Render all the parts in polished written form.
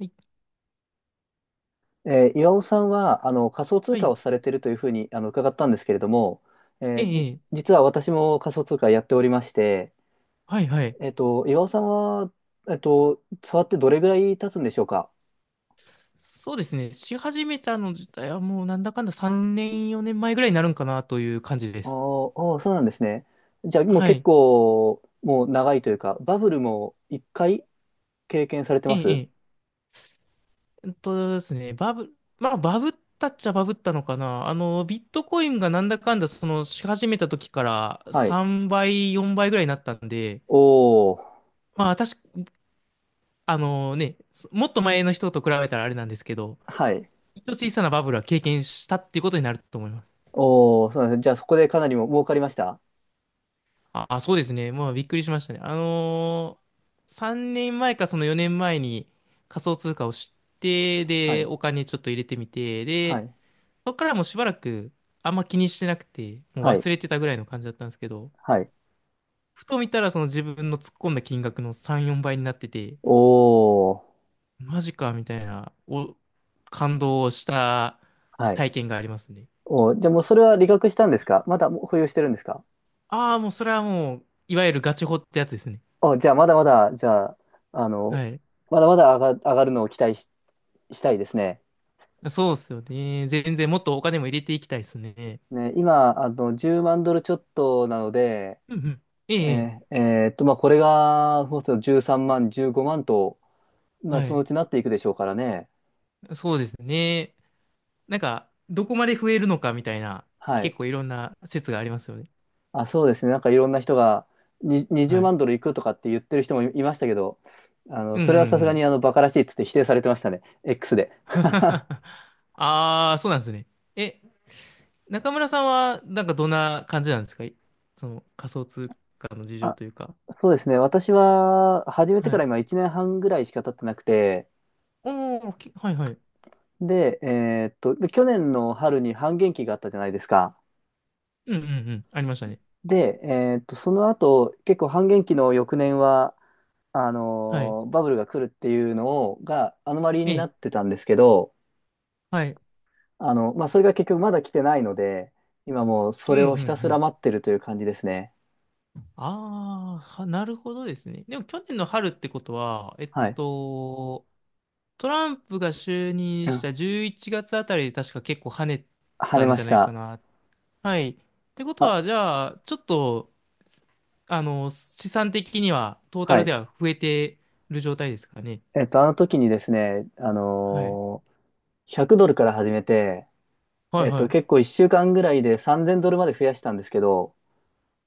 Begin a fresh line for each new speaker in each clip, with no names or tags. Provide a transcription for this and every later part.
はい、
岩尾さんは仮想通
は
貨
い、
をされてるというふうに伺ったんですけれども、え
え
ーじ、
え、ええ、
実は私も仮想通貨やっておりまして、
はい、はい。
岩尾さんは、触ってどれぐらい経つんでしょうか？
そうですね。し始めたの自体はもうなんだかんだ3年、4年前ぐらいになるんかなという感じで
あ
す。
ーあー、そうなんですね。じゃあもう
は
結
い。
構もう長いというか、バブルも1回経験されて
え
ま
え、え
す？
え。えっとですね、バブ、まあ、バブったっちゃバブったのかな。あの、ビットコインがなんだかんだ、その、し始めた時から
はい。
3倍、4倍ぐらいになったんで、
おお、
まあ、私、あのね、そもっと前の人と比べたらあれなんですけど、
はい。
一応小さなバブルは経験したっていうことになると思います。
おお、そうなんですね。じゃあそこでかなりも儲かりました？
あ、そうですね。まあ、びっくりしましたね。3年前かその4年前に仮想通貨を知って、
は
で、
い。
お金ちょっと入れてみて、
は
で、
い。
そこからもうしばらくあんま気にしてなくて、もう
はい。
忘れてたぐらいの感じだったんですけど、
はい。
ふと見たらその自分の突っ込んだ金額の3、4倍になってて、
おお、
マジかみたいな、感動した
はい。
体験がありますね。
お、じゃあもうそれは理学したんですか？まだもう保有してるんですか？
ああ、もうそれはもう、いわゆるガチホってやつですね。
お、じゃあまだまだ、じゃあ、あの、
はい。
まだまだ上がるのを期待し、したいですね。
そうっすよね。全然もっとお金も入れていきたいですね。
ね、今、10万ドルちょっとなので、
うんうん。ええ、
まあ、これが、もうすぐ13万、15万と、まあ、
は
その
い。
うちなっていくでしょうからね。
そうですね。なんか、どこまで増えるのかみたいな、
はい。
結構いろんな説がありますよね。
あ、そうですね。なんかいろんな人が、に20
はい。
万ドルいくとかって言ってる人もいいましたけど、
うんう
そ
ん
れはさ
う
すが
ん。
に、バカらしいっつって否定されてましたね。X で。
ああ、そうなんですね。え、中村さんは、なんかどんな感じなんですか？その仮想通貨の事情
あ、
というか。
そうですね。私は始めて
は
から
い。
今1年半ぐらいしか経ってなくて、
おー、はいはい。
で、去年の春に半減期があったじゃないですか。
うんうんうん。ありましたね。
で、その後、結構半減期の翌年は、
はい。
バブルが来るっていうのをがアノマリー
え
にな
え、
ってたんですけど、
はい。
まあ、それが結局まだ来てないので、今もうそ
うんう
れをひたすら
ん、
待ってるという感じですね。
ああ、なるほどですね。でも去年の春ってことは、
はい。
トランプが就任
う
し
ん。
た11月あたりで確か結構跳ね
跳
た
ね
ん
ま
じゃ
し
ないか
た。
な。はい。ってこと
あ、
は、じゃあ、ちょっと、資産的には、トータ
は
ルで
い。
は増えてる状態ですかね。
あの時にですね、
はい。
100ドルから始めて、
はいは
結
い。
構1週間ぐらいで3000ドルまで増やしたんですけど、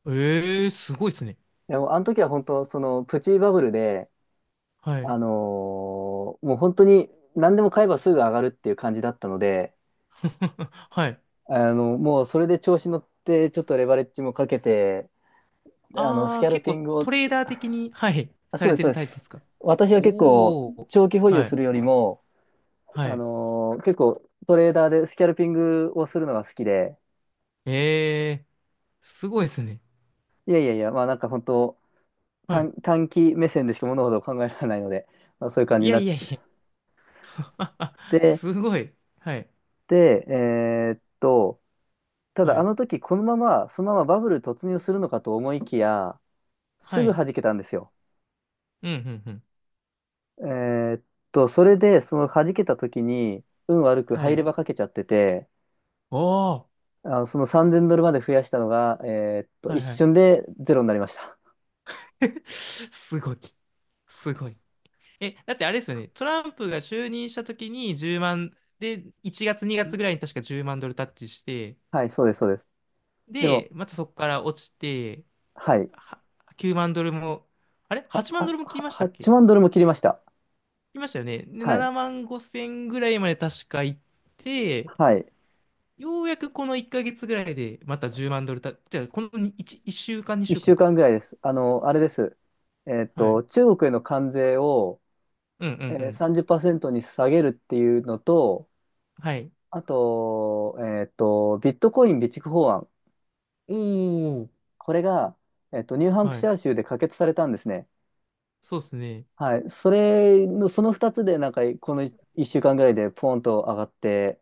ええー、すごいですね。
でもあの時は本当、そのプチバブルで、
はい。
もう本当に何でも買えばすぐ上がるっていう感じだったので、
はい。
もうそれで調子乗って、ちょっとレバレッジもかけて、ス
ああ、
キャル
結
ピ
構
ングを、
トレーダー的に、はい、
あ、
さ
そう
れ
です、
て
そう
る
で
タイプで
す。
すか？
私は結構、
おお
長期保
ー。
有
は
す
い。
るよりも、
はい。
結構トレーダーでスキャルピングをするのが好きで、
ええー、すごいですね。
いやいやいや、まあなんか本当、
はい。
短期目線でしか物事を考えられないので、まあ、そういう感じ
い
に
や
なっ
いやい
ちゃっ
や。
て、
すごい。はい。
で、た
は
だあ
い。
の時このまま、そのままバブル突入するのかと思いきや、す
は
ぐ
い。
弾けたんですよ。
うん、うん、うん。
えーっそれで、その弾けた時に、運悪く
は
入れ
い。
歯かけちゃってて、
おー。
その3000ドルまで増やしたのが、
は
一
い、はい。
瞬でゼロになりました。
すごい。すごい。え、だってあれですよね。トランプが就任した時に1万、で、1月、2月ぐらいに確か10万ドルタッチして、
はい、そうです、そうです。で
で、
も、
またそこから落ちて、
はい。
は9万ドルも、あれ？
あ、
8 万ドルも切りましたっけ？
8
切
万ドルも切りました。
りましたよね。で、
はい。
7万5千ぐらいまで確か行って、
はい。
ようやくこの1ヶ月ぐらいでまた10万ドルた、じゃあこの1、一週間、2週
一
間
週
かんか。
間ぐらいです。あの、あれです。
はい。
中国への関税を、
うんうんうん。
30%に下げるっていうのと、
はい。
あと、ビットコイン備蓄法案。
おー。
これが、ニューハンプ
は
シ
い。
ャー州で可決されたんですね。
そうですね。
はい。それの、その2つで、なんか、この1週間ぐらいでポーンと上がって、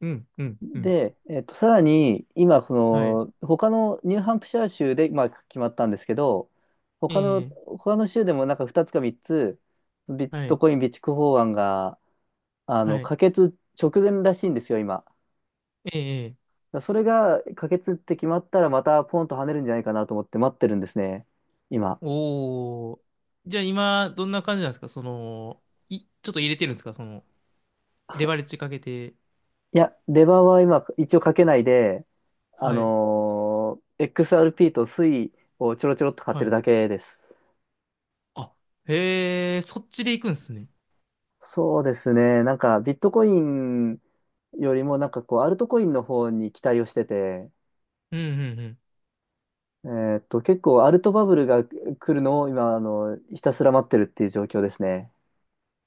うんうんうん。
で、さらに、今、こ
はい。
の、他のニューハンプシャー州で、まあ、決まったんですけど、
ええ、
他の州でもなんか2つか3つ、ビッ
は
ト
い。
コイン備蓄法案が、
はい。
可決直前らしいんですよ、今。だか
ええ、
らそれが可決って決まったら、またポンと跳ねるんじゃないかなと思って待ってるんですね、今。
おー。じゃあ今、どんな感じなんですか？その、ちょっと入れてるんですか？その、レバレッジかけて。
いや、レバーは今、一応かけないで、あ
はい。
のー XRP とスイをちょろちょろっと買って
は
る
い。
だけです。
あ、へえ、そっちで行くんですね。
そうですね。なんか、ビットコインよりも、なんかこう、アルトコインの方に期待をしてて、
うんうんうん。
結構アルトバブルが来るのを今、ひたすら待ってるっていう状況ですね。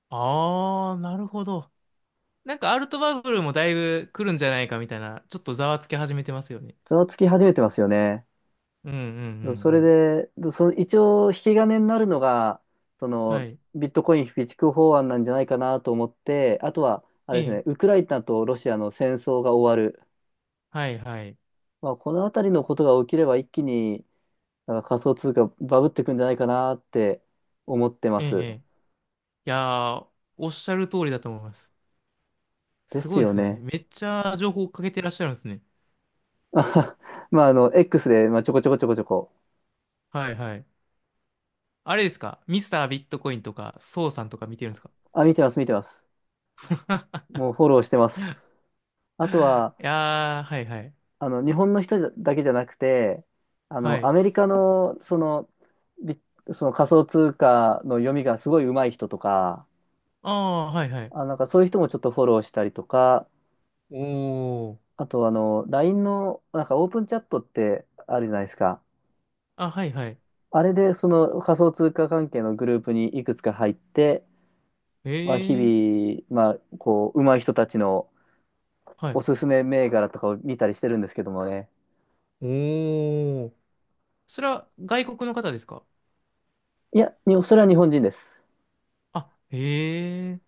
あー、なるほど。なんかアルトバブルもだいぶ来るんじゃないかみたいな、ちょっとざわつき始めてますよね。
ざわつき始めてますよね。
うんうんうん
そ
う
れ
ん。
で、その一応、引き金になるのが、そ
は
の、
い。
ビットコイン備蓄法案なんじゃないかなと思って、あとは、あ
え
れですね、ウ
え。
クライナとロシアの戦争が終わる。
はいはい。
まあ、このあたりのことが起きれば一気に、だから仮想通貨バブってくんじゃないかなって思ってま
ええ。
す。
ええ、いやー、おっしゃる通りだと思います。
で
す
す
ごいで
よ
すね。
ね。
めっちゃ情報をかけてらっしゃるんですね。
あははまあ、X で、まあ、ちょこちょこちょこちょこ。
はいはい。あれですか？ミスタービットコインとか、ソウさんとか見てるんですか？
あ、見てます、見てます。もうフォローしてます。
い
あとは、
やー、はいはい。
日本の人だけじゃなくて、
は
ア
い。
メリカの、その、ビその仮想通貨の読みがすごい上手い人とか、
ああ、はいはい。
あ、なんかそういう人もちょっとフォローしたりとか、
おー。
あと、LINE の、なんかオープンチャットってあるじゃないですか。
あ、はいはい。
あれで、その仮想通貨関係のグループにいくつか入って、まあ、日
ええ。
々、まあ、こう、上手い人たちの
は
お
い。
すすめ銘柄とかを見たりしてるんですけどもね。
おー。それは外国の方ですか？
いや、それは日本人です。
あ、へえ、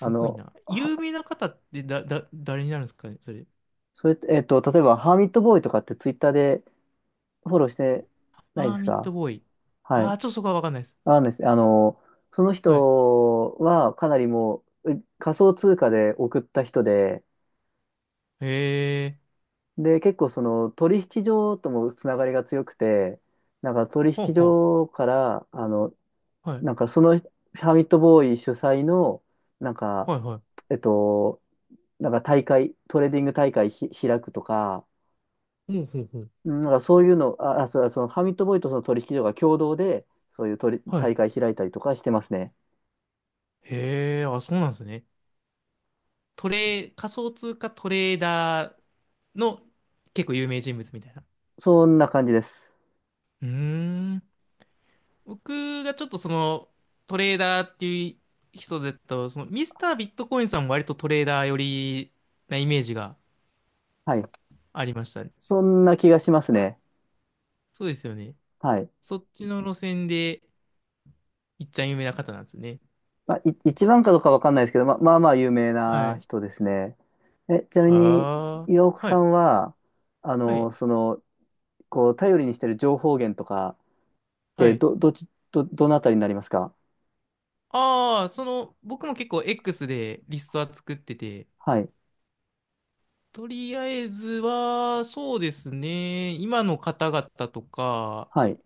あ
ごい
の、
な。
は、
有名な方って誰になるんですかね、それ。
例えば、ハーミットボーイとかってツイッターでフォローしてない
あ
で
ー
す
ミッド
か？
ボーイ。
は
あ
い。
ー、ちょっとそこはわかんないです。
あのですね。その
はい。
人はかなりもう、う仮想通貨で送った人で、
へえ、
で、結構その取引所ともつながりが強くて、なんか取
ほう
引
ほ
所から、
う。はい。
なんかそのファミットボーイ主催の、なんか、
はいは
えっと、なんか大会、トレーディング大会開くとか、
い。ほうほうほう。
うんなんかそういうの、あそう、そのファミットボーイとその取引所が共同で、そういう取り
は
大
い。
会開いたりとかしてますね。
へえ、あ、そうなんですね。トレー、仮想通貨トレーダーの結構有名人物みたいな。
そんな感じです。
うーん。僕がちょっとその、トレーダーっていう人だと、その、ミスタービットコインさんも割とトレーダー寄りなイメージが
はい。
ありましたね。
そんな気がしますね。
そうですよね。
はい。
そっちの路線で、いっちゃん有名な方なんですね。
まあ、一番かどうかわかんないですけど、まあ、まあまあ有名
は
な
い。
人ですね。え、ちなみに、
はあ。
岩岡
は
さ
い。
んは、
はい。
その、こう、頼りにしてる情報源とかっ
は
て、
い。
どっち、どのあたりになりますか？
ああ、その、僕も結構 X でリストは作ってて、
はい、
とりあえずは、そうですね、今の方々とか、
はい、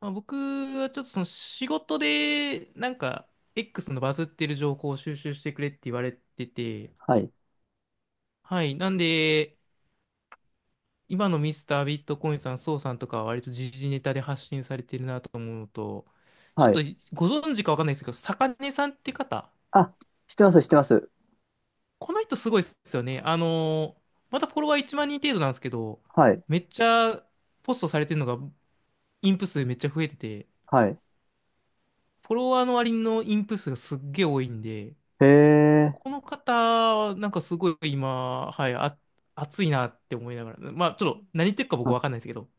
まあ、僕はちょっとその仕事で、なんか、X のバズってる情報を収集してくれって言われてて、
はい、
はい。なんで、今のミスタービットコインさん、ソウさんとかは割と時事ネタで発信されてるなと思うのと、ちょ
は
っと
い。
ご存知かわかんないですけど、坂根さんって方、
あ、知ってます、知ってます。
この人すごいですよね。またフォロワー1万人程度なんですけど、
はい、
めっちゃポストされてるのがインプ数めっちゃ増えてて、
はい。
フォロワーの割のインプ数がすっげえ多いんで、
へえ、
この方、なんかすごい今、はい、あ、熱いなって思いながら、まあちょっと何言ってるか
は
僕
い。
わかんないですけど、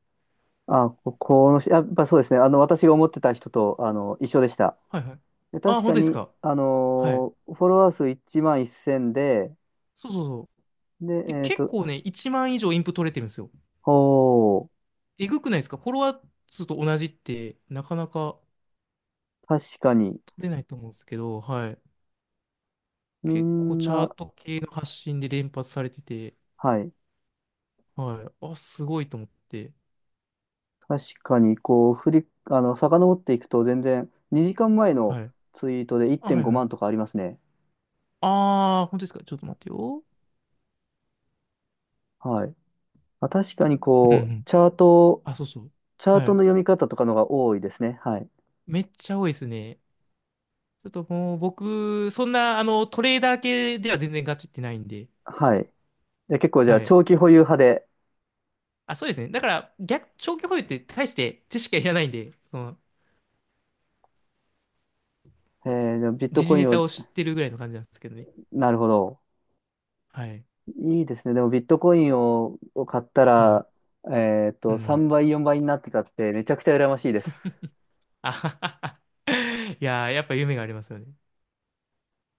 あ、このし、やっぱそうですね。私が思ってた人と、一緒でした。
はいはい。
で
あ、
確
本
か
当です
に、
か？はい。
フォロワー数1万1000で、
そうそう、
で、
で、
えっ
結
と、
構ね、1万以上インプ取れてるんですよ。
お
えぐくないですか？フォロワー数と同じって、なかなか
確かに、
取れないと思うんですけど、はい。
み
結構
ん
チャー
な、
ト系の発信で連発されてて、
はい。
はい。あ、すごいと思って、
確かに、こう、遡っていくと全然、2時間前の
はい。
ツイートで
あ、は
1.5
いはい。
万とかありますね。
あー、本当ですか？ちょっと待ってよ。
はい。まあ、確かに、
うんう
こう、
ん。あ、そうそう。
チャー
は
トの
い。
読み方とかのが多いですね。はい。
めっちゃ多いですね。ちょっともう僕、そんな、あの、トレーダー系では全然ガチってないんで、
はい。で、結構、じゃあ、
はい。
長期保有派で、
あ、そうですね。だから、逆、長期保有って大して知識はいらないんで、その
でもビット
時事
コイ
ネ
ンを、
タを知ってるぐらいの感じなんですけどね。
なるほど。
はい。
いいですね。でも、ビットコインを買った
はい。
ら、
うん。
3倍、4倍になってたって、めちゃくちゃ羨ましいです。
あははは。いやー、やっぱ夢がありますよね。